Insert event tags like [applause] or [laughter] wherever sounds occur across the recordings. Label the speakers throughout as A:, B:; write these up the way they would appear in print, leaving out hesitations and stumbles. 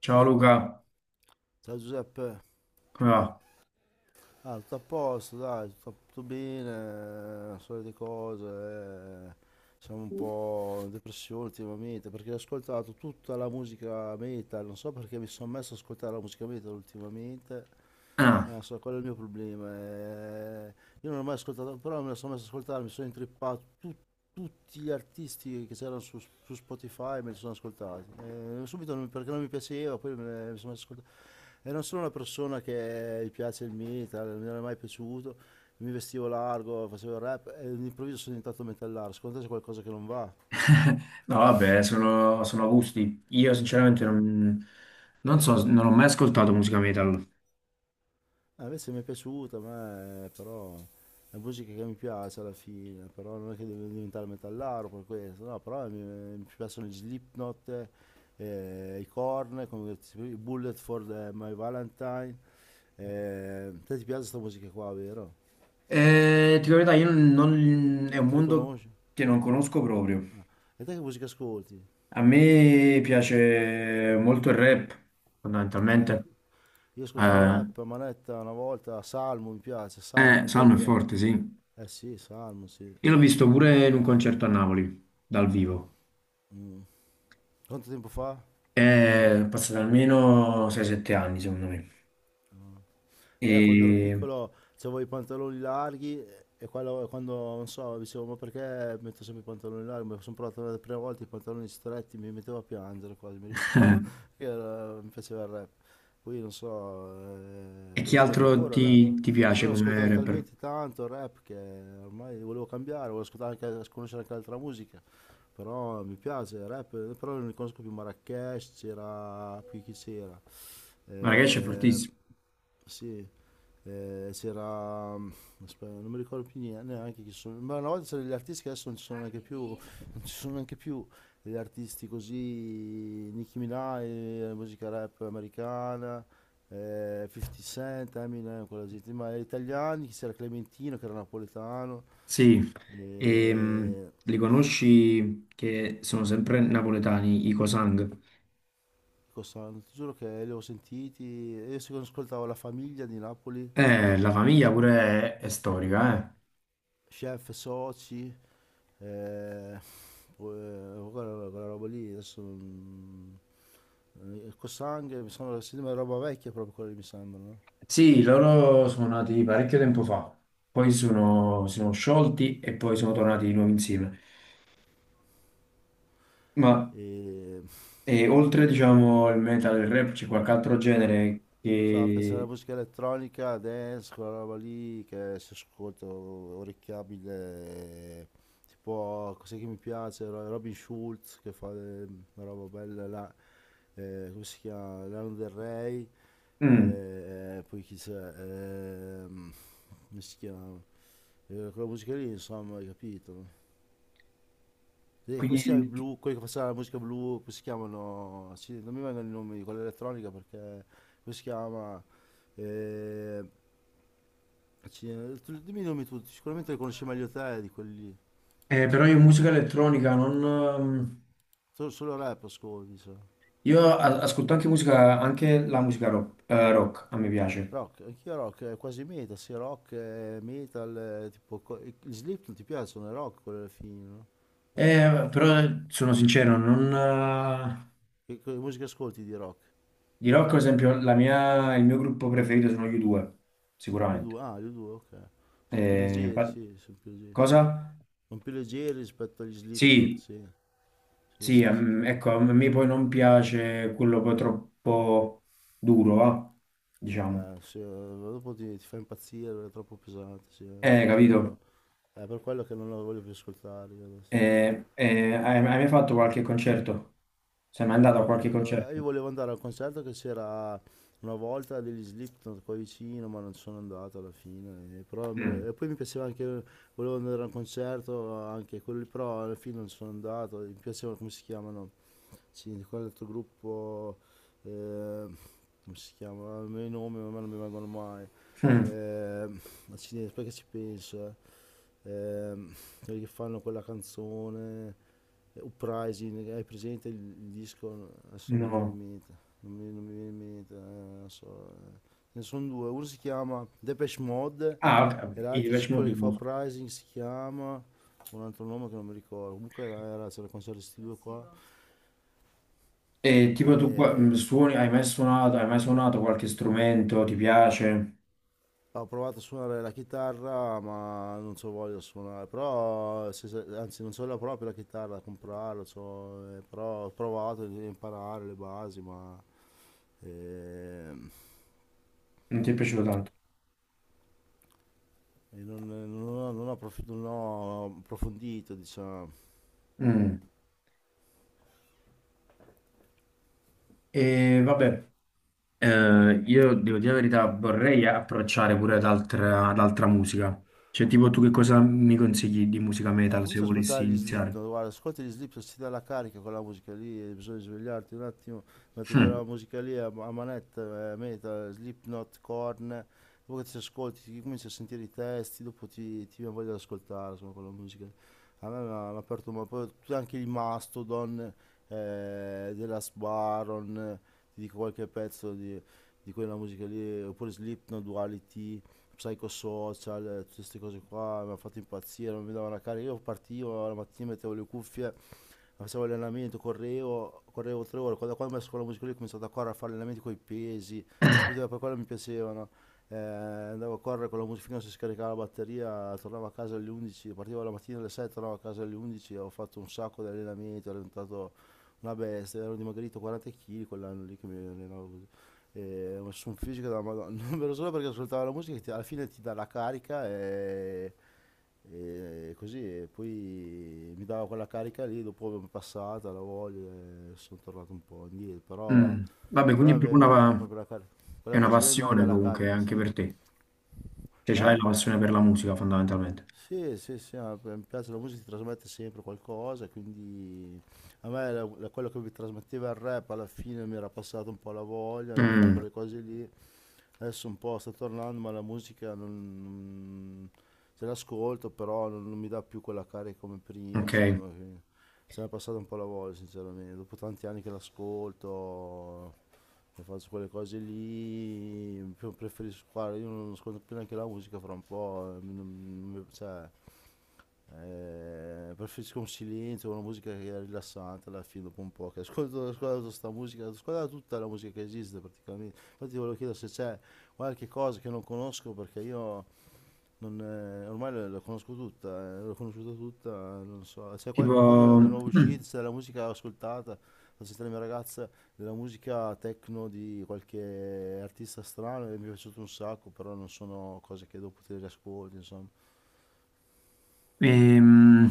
A: Ciao Luca,
B: Ciao Giuseppe.
A: come va?
B: Tutto a posto, dai, tutto, tutto bene, solite cose, eh. Siamo un po' in depressione ultimamente perché ho ascoltato tutta la musica metal, non so perché mi sono messo ad ascoltare la musica metal ultimamente.
A: Ah,
B: Non so, quello è il mio problema. Io non ho mai ascoltato, però me la sono messa ad ascoltare, mi sono intrippato tutti gli artisti che c'erano su Spotify, me li sono ascoltati. Subito non- Perché non mi piaceva, mi sono messo ad ascoltare. E non sono una persona che gli piace il metal, non mi era mai piaciuto. Mi vestivo largo, facevo il rap e all'improvviso sono diventato metallaro. Secondo te c'è qualcosa che non va?
A: [laughs] no vabbè,
B: [laughs]
A: sono, sono gusti. Io sinceramente
B: Eh.
A: non so, non ho mai ascoltato musica metal.
B: Invece mi è piaciuta, a me, però è musica che mi piace alla fine, però non è che devo diventare metallaro per questo, no, però mi piacciono gli Slipknot, i Korn, i My Valentine. Te ti piace questa musica qua, vero?
A: Ti dico la verità, io non, è un
B: Non li
A: mondo
B: conosci?
A: che non conosco proprio.
B: Ah. E te che musica ascolti?
A: A me piace molto il rap, fondamentalmente.
B: Rap. Io ascoltavo
A: Eh,
B: rap a manetta una volta, Salmo mi piace, Salmo, te lo
A: Salmo è
B: piace?
A: forte, sì.
B: Eh sì, Salmo, sì.
A: Io l'ho visto pure in un concerto a Napoli, dal vivo.
B: Mm. Quanto tempo fa?
A: È passato almeno 6-7 anni, secondo me.
B: Quando ero
A: E
B: piccolo avevo i pantaloni larghi e quando, non so, dicevo ma perché metto sempre i pantaloni larghi? Mi sono provato la prima volta i pantaloni stretti, mi mettevo a piangere quasi, mi ricordo, [laughs] mi piaceva il rap. Poi non so,
A: E
B: ve lo
A: chi
B: ascolto
A: altro
B: ancora il rap, eh.
A: ti
B: Però
A: piace
B: l'ho
A: come
B: ascoltato
A: rapper?
B: talmente tanto il rap che ormai volevo cambiare, volevo ascoltare anche, conoscere anche altra musica. Però mi piace il rap, però non conosco più Marrakesh, c'era, qui chi c'era?
A: Marracash è
B: Eh,
A: fortissimo.
B: sì, c'era... aspetta, non mi ricordo più neanche chi sono. Ma una volta c'erano gli artisti che adesso non ci sono neanche più. Non ci sono neanche più gli artisti così. Nicki Minaj, musica rap americana, 50 Cent, Eminem, quella gente. Ma gli italiani, che c'era Clementino che era napoletano.
A: Sì, e,
B: E...
A: li conosci che sono sempre napoletani, i Cosang.
B: Costano, ti giuro che li ho sentiti. Io se ascoltavo la famiglia di Napoli,
A: La famiglia pure è storica, eh.
B: chef, soci. Eh, Quella, quella roba lì adesso Cosang mi sembra si chiama, roba vecchia proprio quella lì mi sembra, no?
A: Sì, loro sono nati parecchio tempo fa,
B: Ah.
A: si sono sciolti e poi sono tornati di nuovo insieme. Ma
B: E
A: oltre, diciamo, il metal e il rap, c'è qualche altro genere
B: stavamo pensando alla
A: che...
B: musica elettronica dance, quella roba lì che si ascolta orecchiabile, eh, tipo cos'è che mi piace Robin Schulz che fa, una roba bella là, come si chiama, Lana Del Rey,
A: Mm,
B: poi chi c'è. Ehm, Come si chiama. Quella musica lì, insomma, hai capito? E come si chiama, il
A: quindi...
B: blu, quelli che faceva la musica blu, come si chiamano? Sì, non mi vengono i nomi di quella elettronica perché come si chiama? Eh, Dimmi i nomi tutti, sicuramente li conosci meglio te di quelli.
A: Però io musica elettronica non,
B: Solo, solo rap ascolti, so.
A: io ascolto anche musica, anche la musica rock, rock, a me piace.
B: Rock, anch'io rock, è quasi metal, sì, rock, metal, tipo, gli Slip non ti piacciono, è rock quello alla fine, no?
A: Però sono sincero, non,
B: Che musica ascolti di rock?
A: di rock, ad esempio, il mio gruppo preferito sono gli U2,
B: Gli U
A: sicuramente.
B: due, ah, gli U due, ok. Sono più
A: Eh,
B: leggeri,
A: infa-
B: sì, sono più leggeri.
A: cosa?
B: Sono più leggeri rispetto agli Slipknot,
A: Sì,
B: sì. Sì,
A: sì,
B: sì, sì.
A: ecco, a me poi non piace quello poi troppo duro, va? Diciamo.
B: Sì, dopo ti, ti fa impazzire, è troppo pesante, sì. Infatti io
A: Capito?
B: è per quello che non lo voglio più ascoltare io adesso.
A: Hai mai fatto qualche concerto? Sei mai andato a qualche
B: Ecco,
A: concerto?
B: io volevo andare al concerto che c'era una volta degli Slipknot qua vicino, ma non sono andato alla fine. Però
A: Mm.
B: e poi mi piaceva anche, volevo andare al concerto anche quello lì, però alla fine non sono andato. Mi piaceva, come si chiamano, sì, di quell'altro gruppo, eh, come si chiama? I miei nomi a me non mi vengono mai.
A: [laughs]
B: Ehm, Perché ci penso, eh? Ehm, Quelli che fanno quella canzone, Uprising, hai presente il disco? Adesso
A: Mm,
B: non mi viene in
A: no.
B: mente, non mi, non mi viene in mente, non so. Ne sono due, uno si chiama Depeche Mode
A: Ah, ok, ok.
B: e
A: Quindi ti
B: l'altro, sì,
A: piace
B: quello
A: molto
B: che
A: il
B: fa
A: musica.
B: Uprising, si chiama un altro nome che non mi ricordo. Comunque era, era, c'era il concerto di questi due qua.
A: E tipo tu qua-
B: E
A: suoni, hai mai suonato qualche strumento, ti piace?
B: ho provato a suonare la chitarra, ma non c'ho voglia di suonare, però, anzi, non c'ho la proprio la chitarra da comprarla, però ho provato a imparare le basi, ma ehm,
A: Non ti è piaciuto tanto?
B: e non, non ho, non ho approfondito, diciamo.
A: Mm. E vabbè, io devo dire la verità, vorrei approcciare pure ad altra musica. Cioè, tipo tu che cosa mi consigli di musica metal se
B: Comincia ad
A: volessi
B: ascoltare gli
A: iniziare?
B: Slipknot, guarda, ascolti gli Slipknot, si dà la carica con la musica lì, e bisogna svegliarti un attimo, metti
A: Mm.
B: quella musica lì a, a manetta, metal, Slipknot, Korn, dopo che ti ascolti, ti cominci a sentire i testi, dopo ti, ti viene voglia di ascoltare, insomma, quella musica a me mi hanno aperto un po', poi tutti anche i Mastodon, Dela's Baron, ti dico qualche pezzo di quella musica lì, oppure Slipknot, Duality, Psychosocial, tutte queste cose qua, mi hanno fatto impazzire, non mi davano la carica, io partivo la mattina, mettevo le cuffie, facevo allenamento, correvo, correvo 3 ore, quando, quando ho messo quella musica lì ho cominciato a correre, a fare allenamenti con i pesi, capito? E poi quello mi piacevano. Andavo a correre con la musica finché non si scaricava la batteria, tornavo a casa alle 11, partivo la mattina alle 7, tornavo a casa alle 11, ho fatto un sacco di allenamenti, ero diventato una bestia, ero dimagrito 40 kg quell'anno lì che mi allenavo così. E ho messo un fisico della Madonna, [laughs] non vero solo perché ascoltavo la musica alla fine ti dà la carica e così, e poi mi dava quella carica lì, dopo mi è passata la voglia e sono tornato un po' indietro, però,
A: Mm. Vabbè, quindi è
B: però
A: proprio
B: mi dà dà proprio la carica.
A: è
B: Quella
A: una
B: musica lì mi dà
A: passione
B: la
A: comunque
B: carica,
A: anche
B: sì.
A: per te. Cioè, ce l'hai
B: Eh?
A: la passione per la musica fondamentalmente.
B: Sì, sì, sì, ma mi piace la musica, ti trasmette sempre qualcosa, quindi a me quello che mi trasmetteva il rap alla fine mi era passato un po' la voglia di fare
A: Mm,
B: quelle cose lì, adesso un po' sta tornando, ma la musica non, se l'ascolto, però non, non mi dà più quella carica come prima,
A: ok,
B: insomma, se ne è passata un po' la voglia, sinceramente, dopo tanti anni che l'ascolto, che faccio quelle cose lì, preferisco, guarda, io non ascolto più neanche la musica fra un po', cioè, preferisco un silenzio, una musica che è rilassante alla fine dopo un po', che ascolto, ascolto sta musica, ascolto tutta la musica che esiste praticamente. Infatti ti volevo chiedere se c'è qualche cosa che non conosco perché io non, ormai la la conosco tutta, l'ho conosciuta tutta, non so, quando è
A: tipo,
B: nuovo uscita,
A: mm,
B: c'è della musica l'ho ascoltata, ho sentito la mia ragazza, della musica techno di qualche artista strano e mi è piaciuto un sacco, però non sono cose che dopo ti riascolti, insomma.
A: Ehm,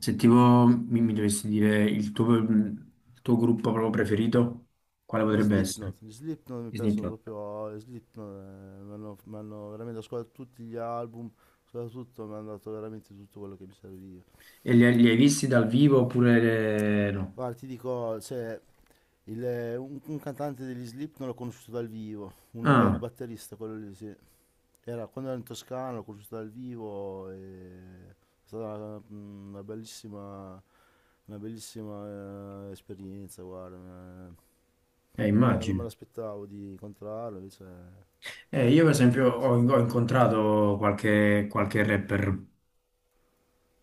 A: se tipo mi dovessi dire il tuo gruppo proprio preferito, quale potrebbe essere?
B: Gli Slipknot mi
A: I Snoop
B: piacciono
A: Dogg.
B: proprio, gli Slipknot, mi hanno veramente ascoltato tutti gli album, ascoltato tutto, mi hanno dato veramente tutto quello che mi serviva.
A: E li hai visti dal vivo oppure no?
B: Guarda, ti dico, cioè, un cantante degli Slip non l'ho conosciuto dal vivo, un bel
A: Ah,
B: batterista quello lì, sì. Era, quando ero in Toscana l'ho conosciuto dal vivo e è stata una bellissima esperienza, guarda. Non me, non me
A: immagino.
B: l'aspettavo di incontrarlo, invece è
A: Io per esempio
B: fantastico.
A: ho incontrato qualche rapper,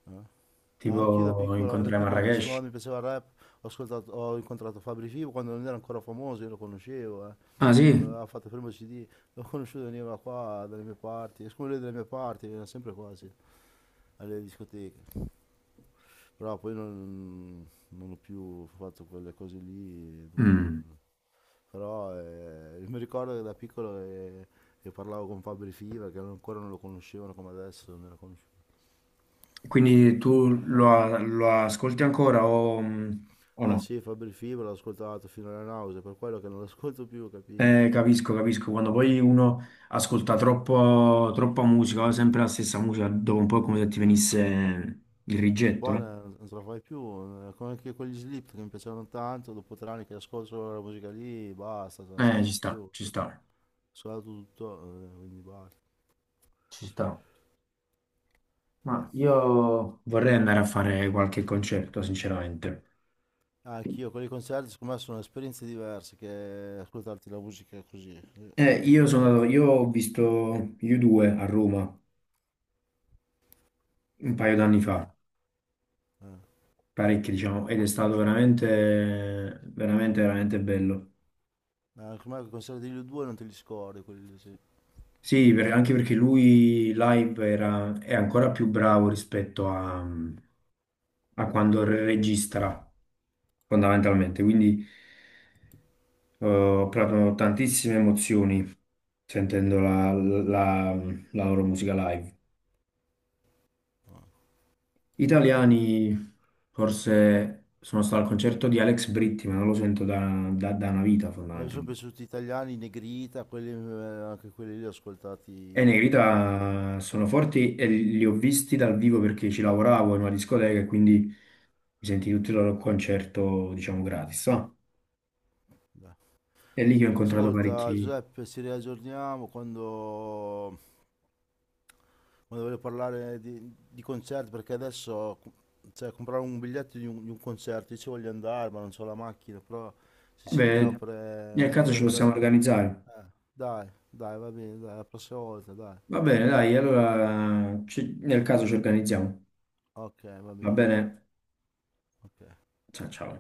B: Eh.
A: tipo
B: Anch'io da
A: incontrai
B: piccolo mi piaceva,
A: Marrakesh.
B: quando mi piaceva il rap, ho incontrato Fabri Fibo quando non era ancora famoso, io lo conoscevo, eh.
A: Ah sì?
B: Quando aveva fatto il primo CD, l'ho conosciuto, veniva qua dalle mie parti, siccome lui è delle mie parti, veniva sempre quasi alle discoteche. Però poi non, non ho più fatto quelle cose lì,
A: Mm.
B: però mi ricordo che da piccolo che parlavo con Fabri Fibo, che ancora non lo conoscevano come adesso, non era conosciuto.
A: Quindi tu lo ascolti ancora o
B: Ah
A: no?
B: sì, Fabri Fibo l'ho ascoltato fino alla nausea, per quello che non lo ascolto più, capito?
A: Capisco, capisco. Quando poi uno ascolta troppa musica, sempre la stessa musica, dopo un po' è come se ti venisse il
B: Un
A: rigetto,
B: po'
A: no?
B: non, non ce la fai più, come anche quegli Slip che mi piacevano tanto, dopo 3 anni che ascolto solo la musica lì, basta, cioè, non ce la
A: Eh, ci
B: faccio più,
A: sta,
B: ho
A: ci sta,
B: ascoltato tutto, quindi basta.
A: ci sta.
B: Beh,
A: Ma io vorrei andare a fare qualche concerto, sinceramente.
B: anch'io con i concerti secondo me sono esperienze diverse che ascoltarti la musica così, quindi bisogna fare.
A: Io ho visto U2 a Roma un paio d'anni fa,
B: Eh.
A: parecchi, diciamo, ed è stato veramente bello.
B: Secondo me i concerti degli U2 non te li scordi, quelli lì, sì.
A: Sì, anche perché lui live è ancora più bravo rispetto a quando registra, fondamentalmente. Quindi ho provato tantissime emozioni sentendo la loro musica live. Italiani, forse sono stato al concerto di Alex Britti, ma non lo sento da una vita,
B: A me sono
A: fondamentalmente.
B: piaciuti gli italiani, i Negrita, quelli, anche quelli lì li ho
A: E
B: ascoltati fino
A: Negrita sono forti e li ho visti dal vivo perché ci lavoravo in una discoteca e quindi mi senti tutto il loro concerto, diciamo, gratis. No?
B: a...
A: È lì che ho incontrato
B: Ascolta
A: parecchi.
B: Giuseppe, ci riaggiorniamo quando, quando voglio parlare di concerti, perché adesso cioè, comprare un biglietto di un concerto, io ci voglio andare, ma non ho la macchina, però se
A: Eh
B: ci sentiamo
A: beh,
B: per
A: nel caso ci
B: organizzare...
A: possiamo organizzare.
B: eh, dai, va bene, dai, la prossima volta, dai.
A: Va bene, nel caso ci organizziamo.
B: Ok, va
A: Va
B: bene,
A: bene?
B: ok.
A: Ciao ciao.